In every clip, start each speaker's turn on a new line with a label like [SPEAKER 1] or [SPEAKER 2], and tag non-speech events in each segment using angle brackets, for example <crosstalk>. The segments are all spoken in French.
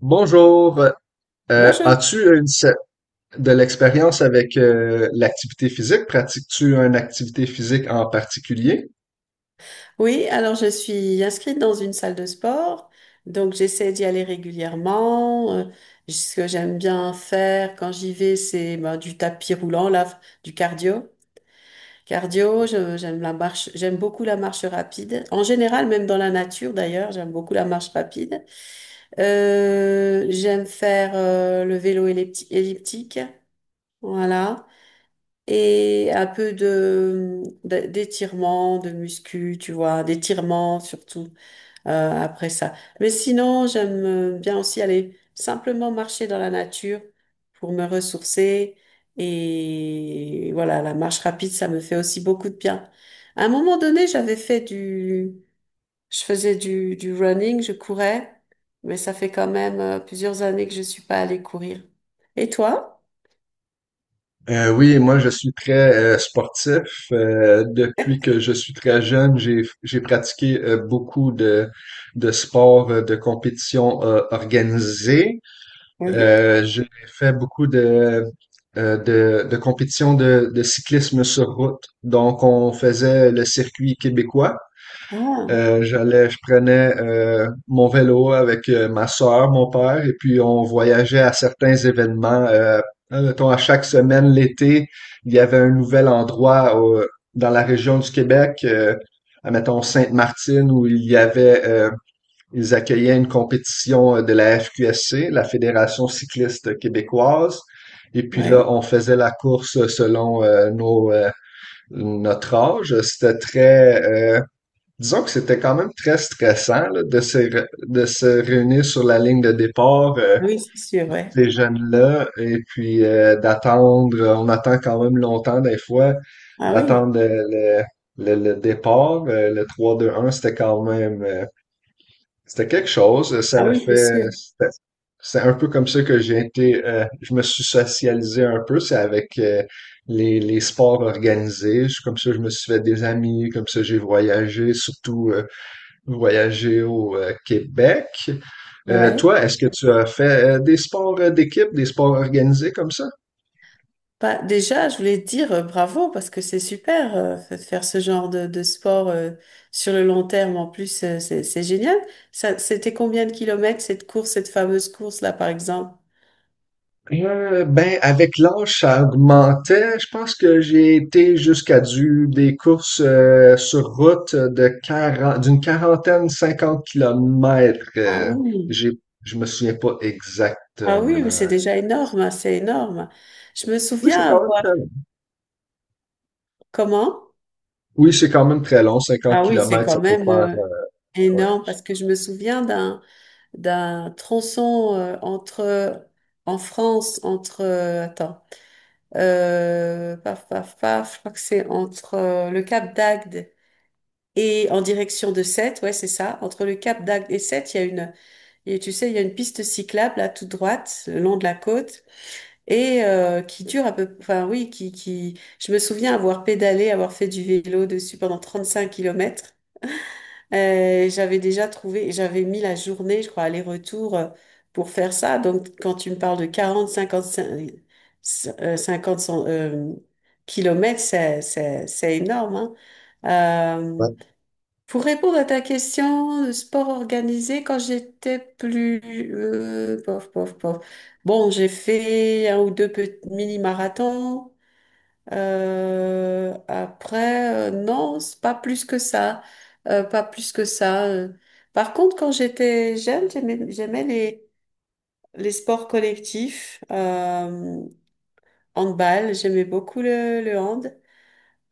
[SPEAKER 1] Bonjour.
[SPEAKER 2] Bonjour.
[SPEAKER 1] As-tu de l'expérience avec l'activité physique? Pratiques-tu une activité physique en particulier?
[SPEAKER 2] Oui, alors je suis inscrite dans une salle de sport, donc j'essaie d'y aller régulièrement. Ce que j'aime bien faire quand j'y vais, c'est ben, du tapis roulant, là, du cardio. Cardio, j'aime la marche, j'aime beaucoup la marche rapide. En général, même dans la nature d'ailleurs, j'aime beaucoup la marche rapide. J'aime faire le vélo elliptique, voilà. Et un peu d'étirement, de muscu, tu vois, d'étirement surtout, euh, après ça. Mais sinon, j'aime bien aussi aller simplement marcher dans la nature pour me ressourcer. Et voilà, la marche rapide, ça me fait aussi beaucoup de bien. À un moment donné, je faisais du running, je courais, mais ça fait quand même plusieurs années que je suis pas allée courir. Et toi?
[SPEAKER 1] Oui, moi je suis très sportif. Depuis que je suis très jeune, j'ai pratiqué beaucoup de sports de compétition organisée.
[SPEAKER 2] Oui.
[SPEAKER 1] J'ai fait beaucoup de de compétitions de cyclisme sur route. Donc on faisait le circuit québécois.
[SPEAKER 2] Ah,
[SPEAKER 1] J'allais, je prenais mon vélo avec ma sœur, mon père, et puis on voyageait à certains événements. Hein, mettons, à chaque semaine, l'été, il y avait un nouvel endroit dans la région du Québec, à, mettons Sainte-Martine, où il y avait, ils accueillaient une compétition de la FQSC, la Fédération cycliste québécoise. Et puis
[SPEAKER 2] ouais.
[SPEAKER 1] là, on faisait la course selon nos, notre âge. Disons que c'était quand même très stressant là, de se réunir sur la ligne de départ,
[SPEAKER 2] Ah oui, c'est sûr, ouais.
[SPEAKER 1] ces jeunes-là, et puis d'attendre, on attend quand même longtemps des fois,
[SPEAKER 2] Ah oui.
[SPEAKER 1] d'attendre le départ, le trois deux un c'était quand même, c'était quelque chose, ça
[SPEAKER 2] Ah
[SPEAKER 1] l'a
[SPEAKER 2] oui, c'est
[SPEAKER 1] fait,
[SPEAKER 2] sûr.
[SPEAKER 1] c'est un peu comme ça que j'ai été, je me suis socialisé un peu, c'est avec les sports organisés. Comme ça je me suis fait des amis, comme ça j'ai voyagé, surtout... voyager au Québec.
[SPEAKER 2] Ouais.
[SPEAKER 1] Toi, est-ce que tu as fait des sports d'équipe, des sports organisés comme ça?
[SPEAKER 2] Bah, déjà, je voulais te dire bravo parce que c'est super de faire ce genre de sport sur le long terme. En plus, c'est génial. Ça, c'était combien de kilomètres cette course, cette fameuse course là, par exemple?
[SPEAKER 1] Ben, avec l'âge, ça augmentait. Je pense que j'ai été jusqu'à du des courses sur route de 40, d'une quarantaine, 50 kilomètres.
[SPEAKER 2] Ah oui,
[SPEAKER 1] J'ai, je me souviens pas
[SPEAKER 2] ah oui, mais c'est
[SPEAKER 1] exactement.
[SPEAKER 2] déjà énorme, hein, c'est énorme. Je me
[SPEAKER 1] Oui, c'est
[SPEAKER 2] souviens
[SPEAKER 1] quand même
[SPEAKER 2] avoir
[SPEAKER 1] très
[SPEAKER 2] comment?
[SPEAKER 1] Oui, c'est quand même très long, 50
[SPEAKER 2] Ah oui, c'est
[SPEAKER 1] kilomètres, ça
[SPEAKER 2] quand
[SPEAKER 1] peut
[SPEAKER 2] même
[SPEAKER 1] faire. euh, Ouais.
[SPEAKER 2] énorme parce que je me souviens d'un tronçon entre en France entre attends. Paf, paf, paf, je crois que c'est entre le Cap d'Agde et en direction de Sète, ouais, c'est ça. Entre le Cap d'Agde et Sète, il y a- tu sais, il y a une piste cyclable là, toute droite, le long de la côte, et qui dure à peu, enfin oui, qui, je me souviens avoir pédalé, avoir fait du vélo dessus pendant 35 kilomètres. J'avais déjà trouvé, j'avais mis la journée, je crois, aller-retour pour faire ça. Donc, quand tu me parles de 40 50 kilomètres, c'est énorme, hein. Euh,
[SPEAKER 1] Ouais.
[SPEAKER 2] pour répondre à ta question, le sport organisé, quand j'étais plus... pof, pof, pof. Bon, j'ai fait un ou deux petits mini-marathons. Après, non, c'est pas plus que ça. Pas plus que ça, euh. Par contre, quand j'étais jeune, j'aimais les sports collectifs. Handball, j'aimais beaucoup le hand.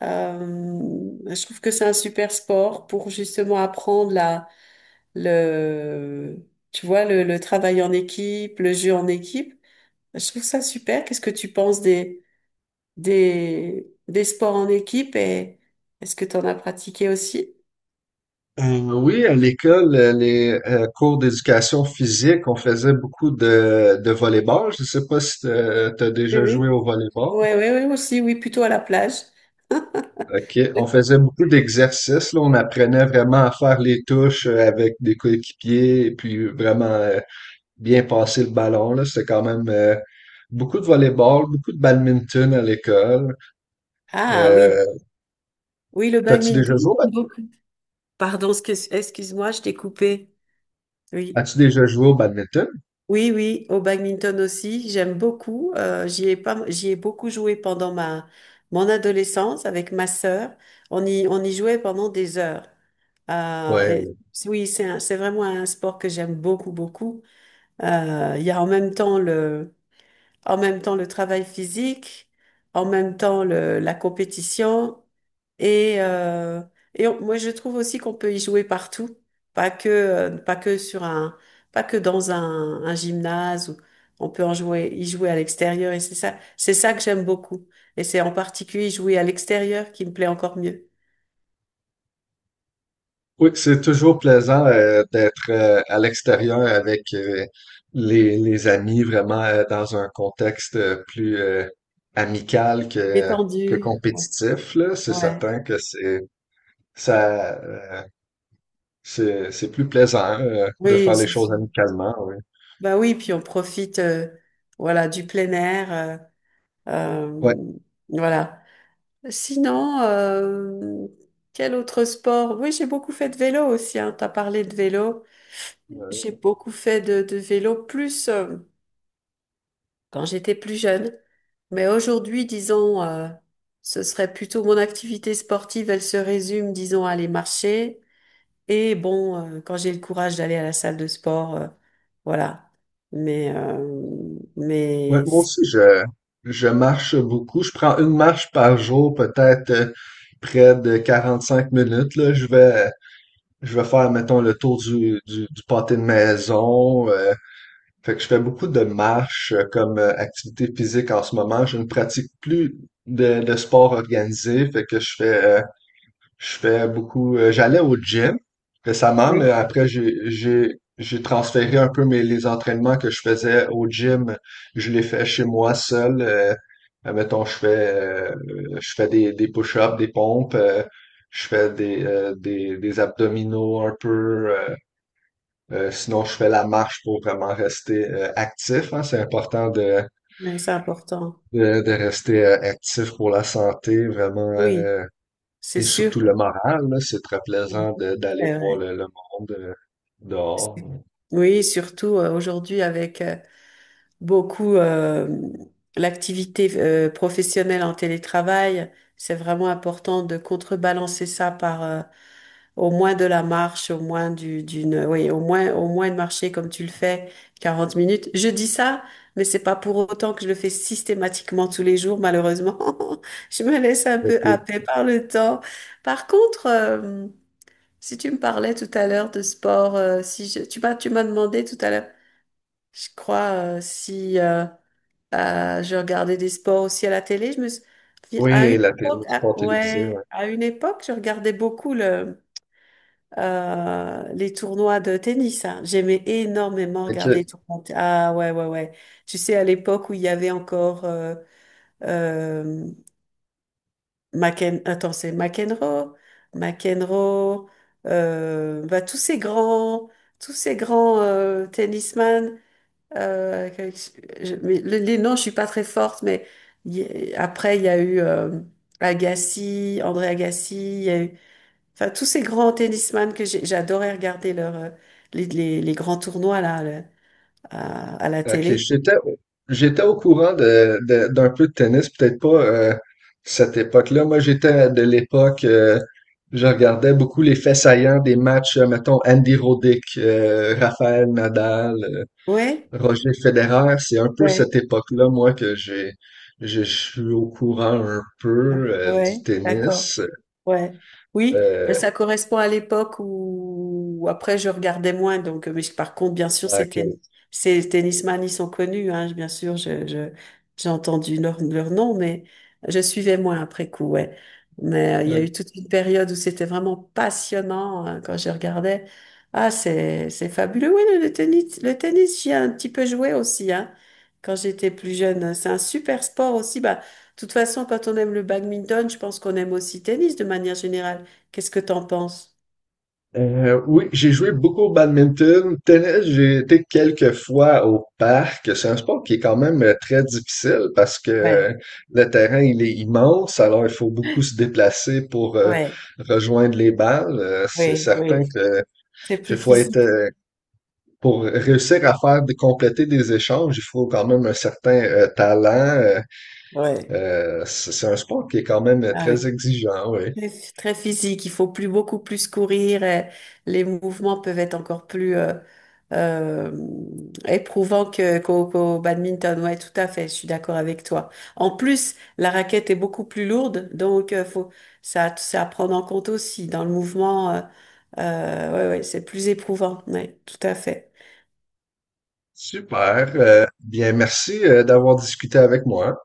[SPEAKER 2] Euh, je trouve que c'est un super sport pour justement apprendre le, tu vois, le travail en équipe, le jeu en équipe. Je trouve ça super. Qu'est-ce que tu penses des? Des sports en équipe et est-ce que tu en as pratiqué aussi?
[SPEAKER 1] Oui, à l'école, les cours d'éducation physique, on faisait beaucoup de volleyball. Je sais pas si tu as
[SPEAKER 2] Oui,
[SPEAKER 1] déjà joué
[SPEAKER 2] oui.
[SPEAKER 1] au volleyball.
[SPEAKER 2] Oui, oui, oui, aussi, oui, plutôt à la plage.
[SPEAKER 1] OK. On
[SPEAKER 2] <laughs>
[SPEAKER 1] faisait beaucoup d'exercices. Là, on apprenait vraiment à faire les touches avec des coéquipiers et puis vraiment bien passer le ballon. Là, c'était quand même beaucoup de volleyball, beaucoup de badminton à l'école.
[SPEAKER 2] Ah
[SPEAKER 1] Euh,
[SPEAKER 2] oui, oui, le
[SPEAKER 1] t'as-tu
[SPEAKER 2] badminton,
[SPEAKER 1] déjà joué au bad-
[SPEAKER 2] j'aime beaucoup. Pardon, excuse-moi, je t'ai coupé. Oui,
[SPEAKER 1] As-tu déjà joué au badminton?
[SPEAKER 2] oui, oui, au badminton aussi, j'aime beaucoup. J'y ai pas, j'y ai beaucoup joué pendant ma mon adolescence avec ma sœur. On y jouait pendant des heures. Et-
[SPEAKER 1] Oui.
[SPEAKER 2] oui, c'est c'est vraiment un sport que j'aime beaucoup, beaucoup. Il y a en même temps en même temps le travail physique, en même temps la compétition. Et, moi, je trouve aussi qu'on peut y jouer partout, pas que sur un, pas que dans un gymnase. Ou, on peut en jouer, y jouer à l'extérieur. Et c'est ça que j'aime beaucoup. Et c'est en particulier jouer à l'extérieur qui me plaît encore mieux.
[SPEAKER 1] Oui, c'est toujours plaisant d'être à l'extérieur avec les amis, vraiment dans un contexte plus amical
[SPEAKER 2] Détendu.
[SPEAKER 1] que compétitif, là. C'est
[SPEAKER 2] Ouais.
[SPEAKER 1] certain que c'est ça C'est plus plaisant de
[SPEAKER 2] Oui,
[SPEAKER 1] faire les
[SPEAKER 2] c'est
[SPEAKER 1] choses
[SPEAKER 2] sûr.
[SPEAKER 1] amicalement, oui.
[SPEAKER 2] Bah oui, puis on profite, voilà, du plein air. Euh,
[SPEAKER 1] Ouais.
[SPEAKER 2] voilà. Sinon, quel autre sport? Oui, j'ai beaucoup fait de vélo aussi, hein. Tu as parlé de vélo. J'ai
[SPEAKER 1] Euh,
[SPEAKER 2] beaucoup fait de vélo plus quand j'étais plus jeune. Mais aujourd'hui, disons, ce serait plutôt mon activité sportive, elle se résume, disons, à aller marcher. Et bon, quand j'ai le courage d'aller à la salle de sport, voilà. Mais, euh,
[SPEAKER 1] ouais,
[SPEAKER 2] mais,
[SPEAKER 1] moi
[SPEAKER 2] si-
[SPEAKER 1] aussi je marche beaucoup. Je prends une marche par jour, peut-être près de 45 minutes, là. Je vais faire, mettons, le tour du pâté de maison. Fait que je fais beaucoup de marches comme activité physique en ce moment. Je ne pratique plus de sport organisé. Fait que je fais beaucoup. J'allais au gym récemment, mais
[SPEAKER 2] oui,
[SPEAKER 1] après, j'ai transféré un peu mes, les entraînements que je faisais au gym. Je les fais chez moi seul. Mettons, je fais des push-ups, des pompes. Je fais des abdominaux un peu. Sinon, je fais la marche pour vraiment rester actif. Hein, c'est important
[SPEAKER 2] mais c'est important.
[SPEAKER 1] de rester actif pour la santé, vraiment.
[SPEAKER 2] Oui,
[SPEAKER 1] euh,
[SPEAKER 2] c'est
[SPEAKER 1] Et
[SPEAKER 2] sûr.
[SPEAKER 1] surtout le moral, là, c'est très plaisant de- d'aller
[SPEAKER 2] Eh
[SPEAKER 1] voir
[SPEAKER 2] ouais.
[SPEAKER 1] le monde
[SPEAKER 2] C'est-
[SPEAKER 1] dehors.
[SPEAKER 2] oui, surtout aujourd'hui avec beaucoup l'activité professionnelle en télétravail, c'est vraiment important de contrebalancer ça par au moins de la marche, au moins du, d'une, oui, au moins de marcher comme tu le fais 40 minutes. Je dis ça, mais c'est pas pour autant que je le fais systématiquement tous les jours, malheureusement. <laughs> Je me laisse un peu
[SPEAKER 1] Ok.
[SPEAKER 2] happer par le temps. Par contre, si tu me parlais tout à l'heure de sport, si je- tu m'as demandé tout à l'heure, je crois si je regardais des sports aussi à la télé, je me suis- à une
[SPEAKER 1] Oui, la télé, le
[SPEAKER 2] époque, à-
[SPEAKER 1] sport télévisé. Ouais.
[SPEAKER 2] ouais, à une époque, je regardais beaucoup le les tournois de tennis, hein. J'aimais énormément
[SPEAKER 1] Ok,
[SPEAKER 2] regarder les tournois. De- Ah ouais ouais ouais. Tu sais à l'époque où il y avait encore euh, McEn... Attends, c'est McEnroe, McEnroe, bah, tous ces grands tennisman, euh, que- mais les noms, je suis pas très forte, mais il y a- après il y a eu Agassi, André Agassi, il y a eu, enfin tous ces grands tennisman j'adorais regarder leur, les grands tournois là le- à la
[SPEAKER 1] ok,
[SPEAKER 2] télé.
[SPEAKER 1] j'étais, au courant d'un peu de tennis, peut-être pas cette époque-là. Moi, j'étais de l'époque, je regardais beaucoup les faits saillants des matchs, mettons, Andy Roddick, Raphaël Nadal.
[SPEAKER 2] Ouais,
[SPEAKER 1] Roger Federer, c'est un peu
[SPEAKER 2] ouais,
[SPEAKER 1] cette époque-là, moi, que j'ai, je suis au courant un peu du
[SPEAKER 2] ouais, d'accord.
[SPEAKER 1] tennis.
[SPEAKER 2] Ouais. Oui, ben,
[SPEAKER 1] Euh,
[SPEAKER 2] ça correspond à l'époque où, où après je regardais moins. Donc, par contre, bien sûr,
[SPEAKER 1] donc,
[SPEAKER 2] ces tennisman, ils sont connus. Hein, bien sûr, j'ai entendu leur, leur nom, mais je suivais moins après coup. Ouais. Mais il y a
[SPEAKER 1] euh,
[SPEAKER 2] eu toute une période où c'était vraiment passionnant hein, quand je regardais. Ah, c'est fabuleux. Oui, le tennis, j'y ai un petit peu joué aussi. Hein, quand j'étais plus jeune, c'est un super sport aussi. Bah, de toute façon, quand on aime le badminton, je pense qu'on aime aussi le tennis de manière générale. Qu'est-ce que t'en penses?
[SPEAKER 1] oui, j'ai joué beaucoup au badminton. Tennis, j'ai été quelques fois au parc. C'est un sport qui est quand même très difficile parce que
[SPEAKER 2] Ouais,
[SPEAKER 1] le terrain, il est immense, alors il faut beaucoup se déplacer pour
[SPEAKER 2] ouais,
[SPEAKER 1] rejoindre les balles. C'est
[SPEAKER 2] oui,
[SPEAKER 1] certain
[SPEAKER 2] oui.
[SPEAKER 1] que
[SPEAKER 2] C'est
[SPEAKER 1] qu'il
[SPEAKER 2] plus
[SPEAKER 1] faut être
[SPEAKER 2] physique.
[SPEAKER 1] pour réussir à compléter des échanges, il faut quand même un certain talent.
[SPEAKER 2] Ouais.
[SPEAKER 1] C'est un sport qui est quand même
[SPEAKER 2] Ah
[SPEAKER 1] très
[SPEAKER 2] oui.
[SPEAKER 1] exigeant, oui.
[SPEAKER 2] Très, très physique, il faut plus beaucoup plus courir et les mouvements peuvent être encore plus euh, éprouvants que, qu'au badminton. Ouais, tout à fait, je suis d'accord avec toi. En plus, la raquette est beaucoup plus lourde, donc faut ça, ça à prendre en compte aussi dans le mouvement, ouais, ouais, c'est plus éprouvant. Ouais, tout à fait.
[SPEAKER 1] Super, bien, merci d'avoir discuté avec moi.